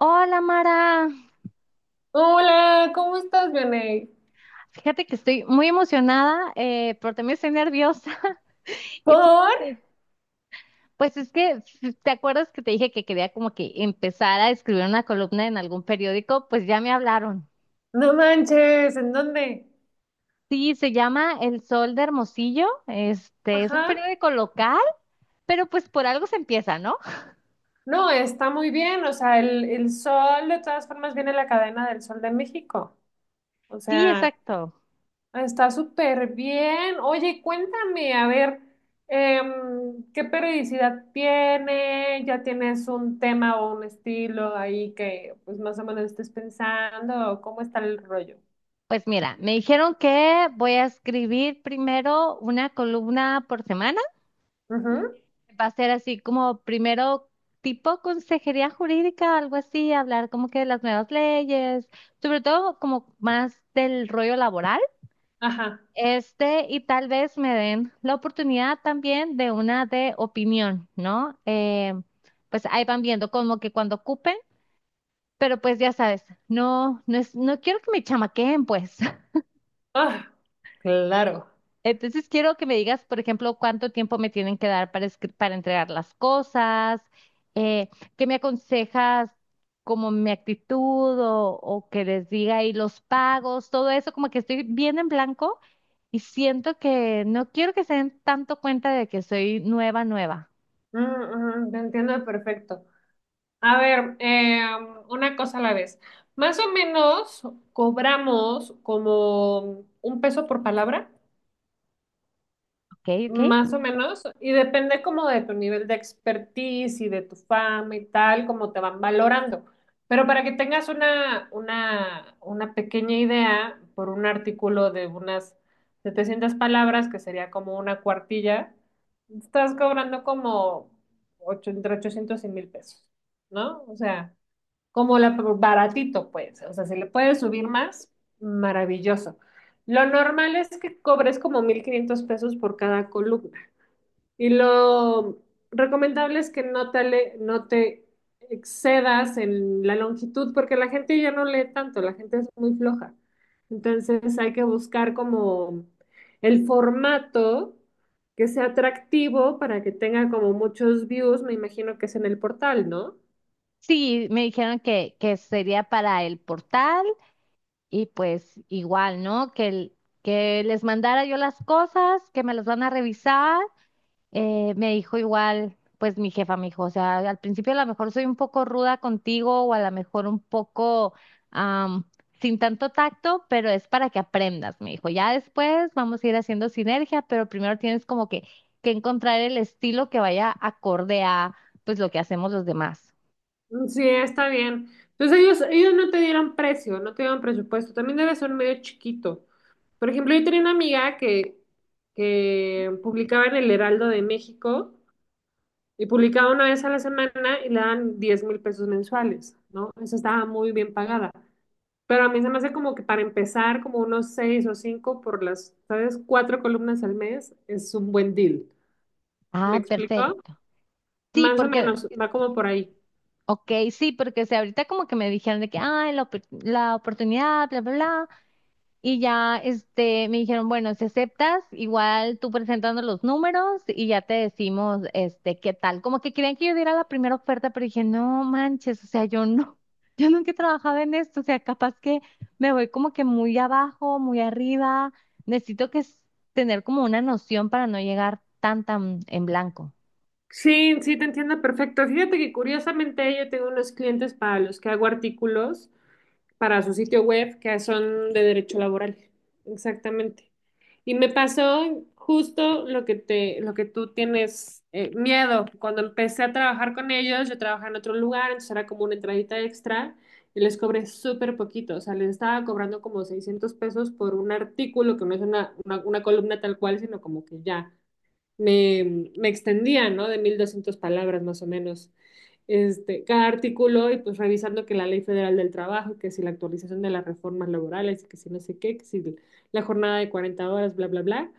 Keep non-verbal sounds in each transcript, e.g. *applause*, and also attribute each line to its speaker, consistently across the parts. Speaker 1: Hola Mara,
Speaker 2: Hola, ¿cómo estás, Vianey?
Speaker 1: fíjate que estoy muy emocionada, pero también estoy nerviosa. *laughs* Y pues,
Speaker 2: ¿Por?
Speaker 1: eh, pues es que, ¿Te acuerdas que te dije que quería como que empezar a escribir una columna en algún periódico? Pues ya me hablaron.
Speaker 2: No manches, ¿en dónde?
Speaker 1: Sí, se llama El Sol de Hermosillo, este es un
Speaker 2: Ajá.
Speaker 1: periódico local, pero pues por algo se empieza, ¿no?
Speaker 2: No, está muy bien, o sea, el sol de todas formas viene la cadena del Sol de México. O
Speaker 1: Sí,
Speaker 2: sea,
Speaker 1: exacto.
Speaker 2: está súper bien. Oye, cuéntame, a ver, ¿qué periodicidad tiene? ¿Ya tienes un tema o un estilo ahí que pues más o menos estés pensando? ¿Cómo está el rollo?
Speaker 1: Pues mira, me dijeron que voy a escribir primero una columna por semana.
Speaker 2: Ujú.
Speaker 1: Va a ser así como primero tipo consejería jurídica, algo así, hablar como que de las nuevas leyes, sobre todo como más del rollo laboral.
Speaker 2: Ajá.
Speaker 1: Este, y tal vez me den la oportunidad también de una de opinión, ¿no? Pues ahí van viendo como que cuando ocupen, pero pues ya sabes, no quiero que me chamaqueen, pues. *laughs*
Speaker 2: Ah, claro.
Speaker 1: Entonces quiero que me digas, por ejemplo, cuánto tiempo me tienen que dar para, para entregar las cosas, eh, qué me aconsejas como mi actitud o que les diga y los pagos, todo eso, como que estoy bien en blanco y siento que no quiero que se den tanto cuenta de que soy nueva, nueva,
Speaker 2: Te entiendo perfecto. A ver, una cosa a la vez. Más o menos cobramos como un peso por palabra.
Speaker 1: ¿ok? ¿Ok?
Speaker 2: Más o menos, y depende como de tu nivel de expertise y de tu fama y tal, como te van valorando. Pero para que tengas una pequeña idea, por un artículo de unas 700 palabras, que sería como una cuartilla, estás cobrando como entre 800 y 1.000 pesos, ¿no? O sea, como la baratito, pues, o sea, si le puedes subir más, maravilloso. Lo normal es que cobres como 1.500 pesos por cada columna y lo recomendable es que no te excedas en la longitud porque la gente ya no lee tanto, la gente es muy floja. Entonces hay que buscar como el formato que sea atractivo para que tenga como muchos views, me imagino que es en el portal, ¿no?
Speaker 1: Sí, me dijeron que sería para el portal y pues igual, ¿no? Que les mandara yo las cosas, que me las van a revisar. Me dijo igual, pues mi jefa me dijo, o sea, al principio a lo mejor soy un poco ruda contigo o a lo mejor un poco am, sin tanto tacto, pero es para que aprendas, me dijo. Ya después vamos a ir haciendo sinergia, pero primero tienes como que encontrar el estilo que vaya acorde a pues lo que hacemos los demás.
Speaker 2: Sí, está bien. Entonces ellos no te dieron precio, no te dieron presupuesto. También debe ser medio chiquito. Por ejemplo, yo tenía una amiga que publicaba en el Heraldo de México y publicaba una vez a la semana y le dan 10.000 pesos mensuales, ¿no? Esa estaba muy bien pagada. Pero a mí se me hace como que para empezar, como unos 6 o 5 por las, ¿sabes? Cuatro columnas al mes es un buen deal. ¿Me
Speaker 1: Ah,
Speaker 2: explico?
Speaker 1: perfecto. Sí,
Speaker 2: Más o
Speaker 1: porque,
Speaker 2: menos, va como por ahí.
Speaker 1: ok, sí, porque o sea, ahorita como que me dijeron de que, ay, la oportunidad, bla, bla, bla. Y ya este, me dijeron, bueno, si aceptas, igual tú presentando los números y ya te decimos este, qué tal. Como que querían que yo diera la primera oferta, pero dije, no manches, o sea, yo no, *laughs* yo nunca he trabajado en esto, o sea, capaz que me voy como que muy abajo, muy arriba. Necesito que s- Tener como una noción para no llegar tan tan en blanco.
Speaker 2: Sí, sí, te entiendo perfecto. Fíjate que curiosamente yo tengo unos clientes para los que hago artículos para su sitio web que son de derecho laboral. Exactamente. Y me pasó justo lo que tú tienes miedo. Cuando empecé a trabajar con ellos, yo trabajaba en otro lugar, entonces era como una entradita extra y les cobré súper poquito. O sea, les estaba cobrando como 600 pesos por un artículo que no es una columna tal cual, sino como que ya me extendía, ¿no? De 1.200 palabras más o menos. Este, cada artículo y pues revisando que la Ley Federal del Trabajo, que si la actualización de las reformas laborales, que si no sé qué, que si la jornada de 40 horas, bla, bla, bla.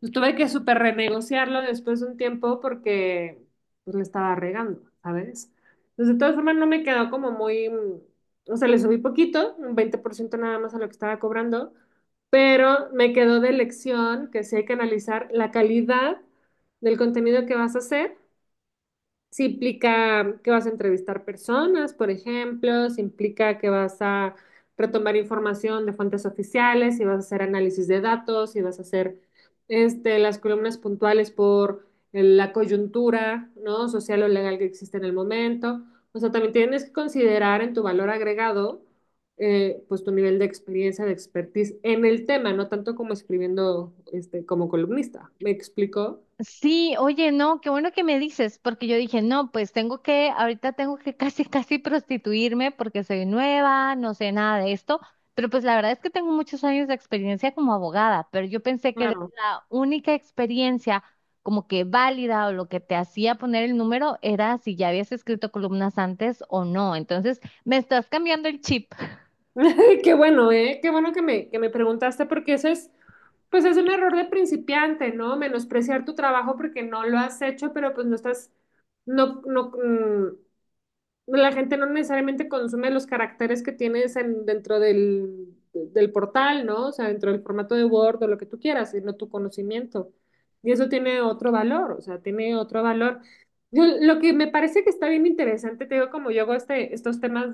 Speaker 2: Pues tuve que súper renegociarlo después de un tiempo porque pues le estaba regando, ¿sabes? Entonces, de todas formas, no me quedó como muy... o sea, le subí poquito, un 20% nada más a lo que estaba cobrando, pero me quedó de lección que sí hay que analizar la calidad del contenido que vas a hacer. Si implica que vas a entrevistar personas, por ejemplo, si implica que vas a retomar información de fuentes oficiales, si vas a hacer análisis de datos, si vas a hacer este, las columnas puntuales por la coyuntura, ¿no? Social o legal que existe en el momento. O sea, también tienes que considerar en tu valor agregado, pues tu nivel de experiencia, de expertise en el tema, no tanto como escribiendo este, como columnista. ¿Me explico?
Speaker 1: Sí, oye, no, qué bueno que me dices, porque yo dije, no, pues tengo que, ahorita tengo que *laughs* casi, casi prostituirme porque soy nueva, no sé nada de esto, pero pues la verdad es que tengo muchos años de experiencia como abogada, pero yo pensé que
Speaker 2: Claro.
Speaker 1: la única experiencia como que válida o lo que te hacía poner el número era si ya habías escrito columnas antes o no, entonces me estás cambiando el chip. *laughs*
Speaker 2: *laughs* Qué bueno, ¿eh? Qué bueno que me preguntaste porque eso es, pues es un error de principiante, ¿no? Menospreciar tu trabajo porque no lo has hecho, pero pues no estás, no, no, la gente no necesariamente consume los caracteres que tienes dentro del portal, ¿no? O sea, dentro del formato de Word o lo que tú quieras, sino tu conocimiento. Y eso tiene otro valor, o sea, tiene otro valor. Lo que me parece que está bien interesante, te digo, como yo hago este, estos temas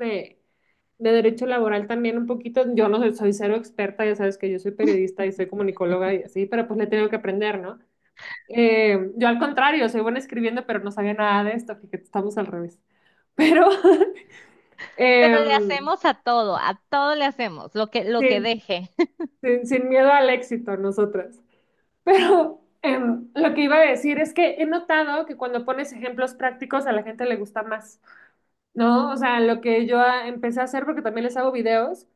Speaker 2: de derecho laboral también un poquito, yo no soy, soy cero experta, ya sabes que yo soy periodista y soy comunicóloga y así, pero pues le tengo que aprender, ¿no? Yo al contrario, soy buena escribiendo, pero no sabía nada de esto, fíjate, estamos al revés. Pero *laughs*
Speaker 1: Pero le
Speaker 2: em,
Speaker 1: hacemos a todo le hacemos, lo que
Speaker 2: sí,
Speaker 1: deje.
Speaker 2: sin miedo al éxito nosotras. Pero lo que iba a decir es que he notado que cuando pones ejemplos prácticos a la gente le gusta más, ¿no? O sea, lo que yo empecé a hacer, porque también les hago videos,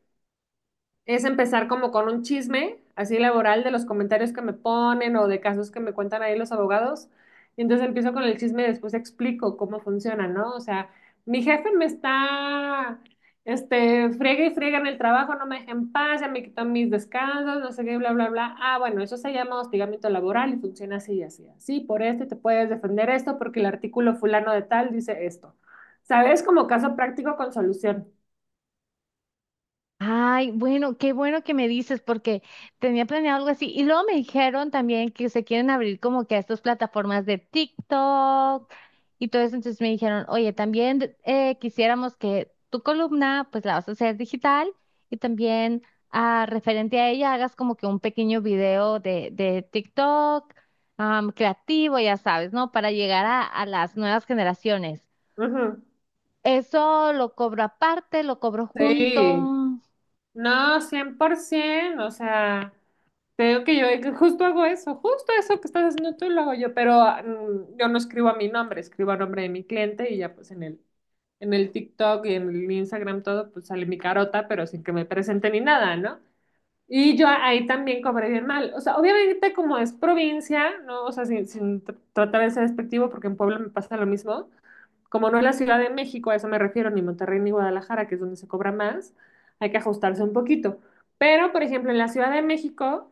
Speaker 2: es empezar como con un chisme así laboral de los comentarios que me ponen o de casos que me cuentan ahí los abogados. Y entonces empiezo con el chisme y después explico cómo funciona, ¿no? O sea, mi jefe me está, este, friega y friega en el trabajo, no me deja en paz, ya me quitó mis descansos, no sé qué, bla, bla, bla. Ah, bueno, eso se llama hostigamiento laboral y funciona así, así, así. Por esto te puedes defender esto porque el artículo fulano de tal dice esto. ¿Sabes? Como caso práctico con solución.
Speaker 1: Ay, bueno, qué bueno que me dices porque tenía planeado algo así. Y luego me dijeron también que se quieren abrir como que a estas plataformas de TikTok y todo eso. Entonces me dijeron, oye, también quisiéramos que tu columna pues la vas a hacer digital y también referente a ella hagas como que un pequeño video de TikTok creativo, ya sabes, ¿no? Para llegar a las nuevas generaciones.
Speaker 2: Ujú.
Speaker 1: Eso lo cobro aparte, lo cobro
Speaker 2: Sí.
Speaker 1: junto.
Speaker 2: No, 100%, o sea, te digo que yo que justo hago eso, justo eso que estás haciendo tú lo hago yo, pero yo no escribo a mi nombre, escribo a nombre de mi cliente y ya pues en el TikTok y en el Instagram todo, pues sale mi carota, pero sin que me presente ni nada, ¿no? Y yo ahí también cobré bien mal, o sea, obviamente como es provincia, ¿no? O sea, sin tratar de ser despectivo, porque en Puebla me pasa lo mismo, como no es la Ciudad de México, a eso me refiero, ni Monterrey ni Guadalajara, que es donde se cobra más, hay que ajustarse un poquito. Pero, por ejemplo, en la Ciudad de México,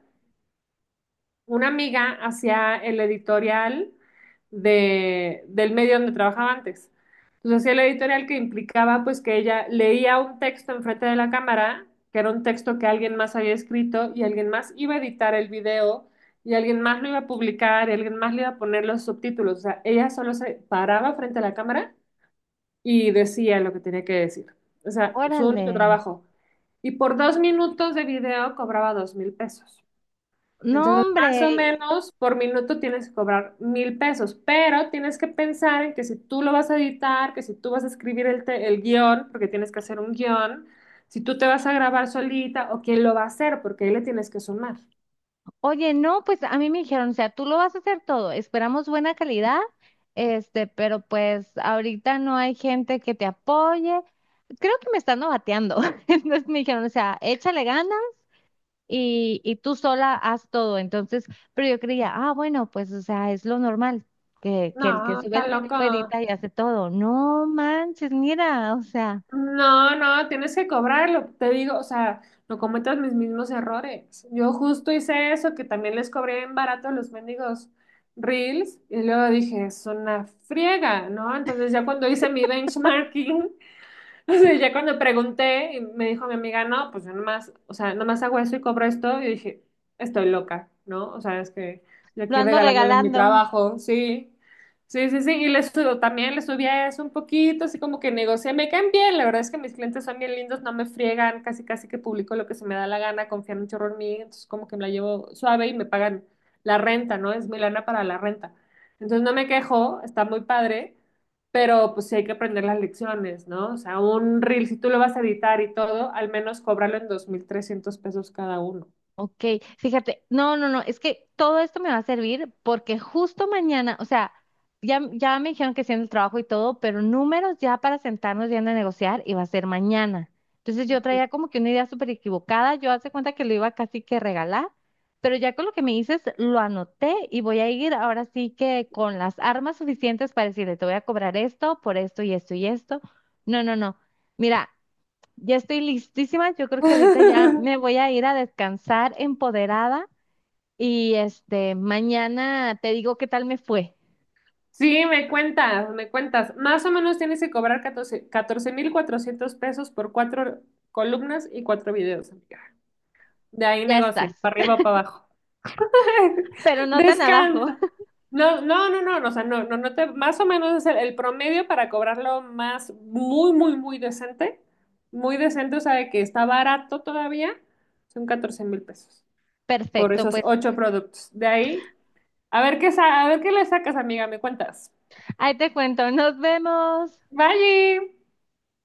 Speaker 2: una amiga hacía el editorial del medio donde trabajaba antes. Entonces hacía el editorial que implicaba pues que ella leía un texto enfrente de la cámara, que era un texto que alguien más había escrito y alguien más iba a editar el video y alguien más lo iba a publicar y alguien más le iba a poner los subtítulos. O sea, ella solo se paraba frente a la cámara y decía lo que tenía que decir. O sea, su único
Speaker 1: Órale.
Speaker 2: trabajo. Y por 2 minutos de video cobraba 2.000 pesos.
Speaker 1: No,
Speaker 2: Entonces, más o
Speaker 1: hombre.
Speaker 2: menos por minuto tienes que cobrar 1.000 pesos, pero tienes que pensar en que si tú lo vas a editar, que si tú vas a escribir el guión, porque tienes que hacer un guión, si tú te vas a grabar solita o quién lo va a hacer, porque ahí le tienes que sumar.
Speaker 1: Oye, no, pues a mí me dijeron, o sea, tú lo vas a hacer todo. Esperamos buena calidad, este, pero pues ahorita no hay gente que te apoye. Creo que me están novateando. *laughs* Entonces me dijeron, o sea, échale ganas y tú sola haz todo. Entonces, pero yo creía, ah, bueno, pues, o sea, es lo normal, que el que
Speaker 2: No,
Speaker 1: sube
Speaker 2: está
Speaker 1: el video
Speaker 2: loco.
Speaker 1: edita y hace todo. No manches, mira, o sea,
Speaker 2: No, no, tienes que cobrarlo, te digo, o sea, no cometas mis mismos errores. Yo justo hice eso, que también les cobré en barato los mendigos Reels, y luego dije, es una friega, ¿no? Entonces ya cuando hice mi benchmarking. *laughs* O sea, ya cuando pregunté, y me dijo mi amiga, no, pues yo nomás, o sea, nomás hago eso y cobro esto. Y dije, estoy loca, ¿no? O sea, es que yo
Speaker 1: lo
Speaker 2: aquí
Speaker 1: ando
Speaker 2: regalándoles mi
Speaker 1: regalando.
Speaker 2: trabajo, sí. Sí, sí, sí. Y les subo, también les subí a eso un poquito, así como que negocié. Me caen bien, la verdad es que mis clientes son bien lindos, no me friegan, casi casi que publico lo que se me da la gana, confían un chorro en mí, entonces como que me la llevo suave y me pagan la renta, ¿no? Es mi lana para la renta. Entonces no me quejo, está muy padre, pero pues sí hay que aprender las lecciones, ¿no? O sea, un reel, si tú lo vas a editar y todo, al menos cóbralo en 2.300 pesos cada uno.
Speaker 1: Ok, fíjate, no, no, no, es que todo esto me va a servir porque justo mañana, o sea, ya me dijeron que sí en el trabajo y todo, pero números ya para sentarnos bien a negociar y va a ser mañana. Entonces yo
Speaker 2: *laughs*
Speaker 1: traía como que una idea súper equivocada, yo hace cuenta que lo iba casi que regalar, pero ya con lo que me dices lo anoté y voy a ir ahora sí que con las armas suficientes para decirle, te voy a cobrar esto por esto y esto y esto. No, no, no. Mira. Ya estoy listísima. Yo creo que ahorita ya me voy a ir a descansar empoderada y este, mañana te digo qué tal me fue.
Speaker 2: Sí, me cuentas, me cuentas. Más o menos tienes que cobrar 14.400 pesos por cuatro columnas y cuatro videos, amiga. De ahí
Speaker 1: Ya
Speaker 2: negocias,
Speaker 1: estás,
Speaker 2: para arriba
Speaker 1: *laughs*
Speaker 2: o para abajo. *laughs*
Speaker 1: pero no tan abajo.
Speaker 2: Descansa.
Speaker 1: *laughs*
Speaker 2: No, no, no, no, no, o sea, no, no, no te, más o menos es el promedio para cobrarlo más, muy, muy, muy decente, o sea, de que está barato todavía, son 14.000 pesos por
Speaker 1: Perfecto,
Speaker 2: esos
Speaker 1: pues
Speaker 2: ocho productos. De ahí, a ver qué, a ver qué le sacas, amiga, me cuentas.
Speaker 1: ahí te cuento. Nos vemos.
Speaker 2: Bye.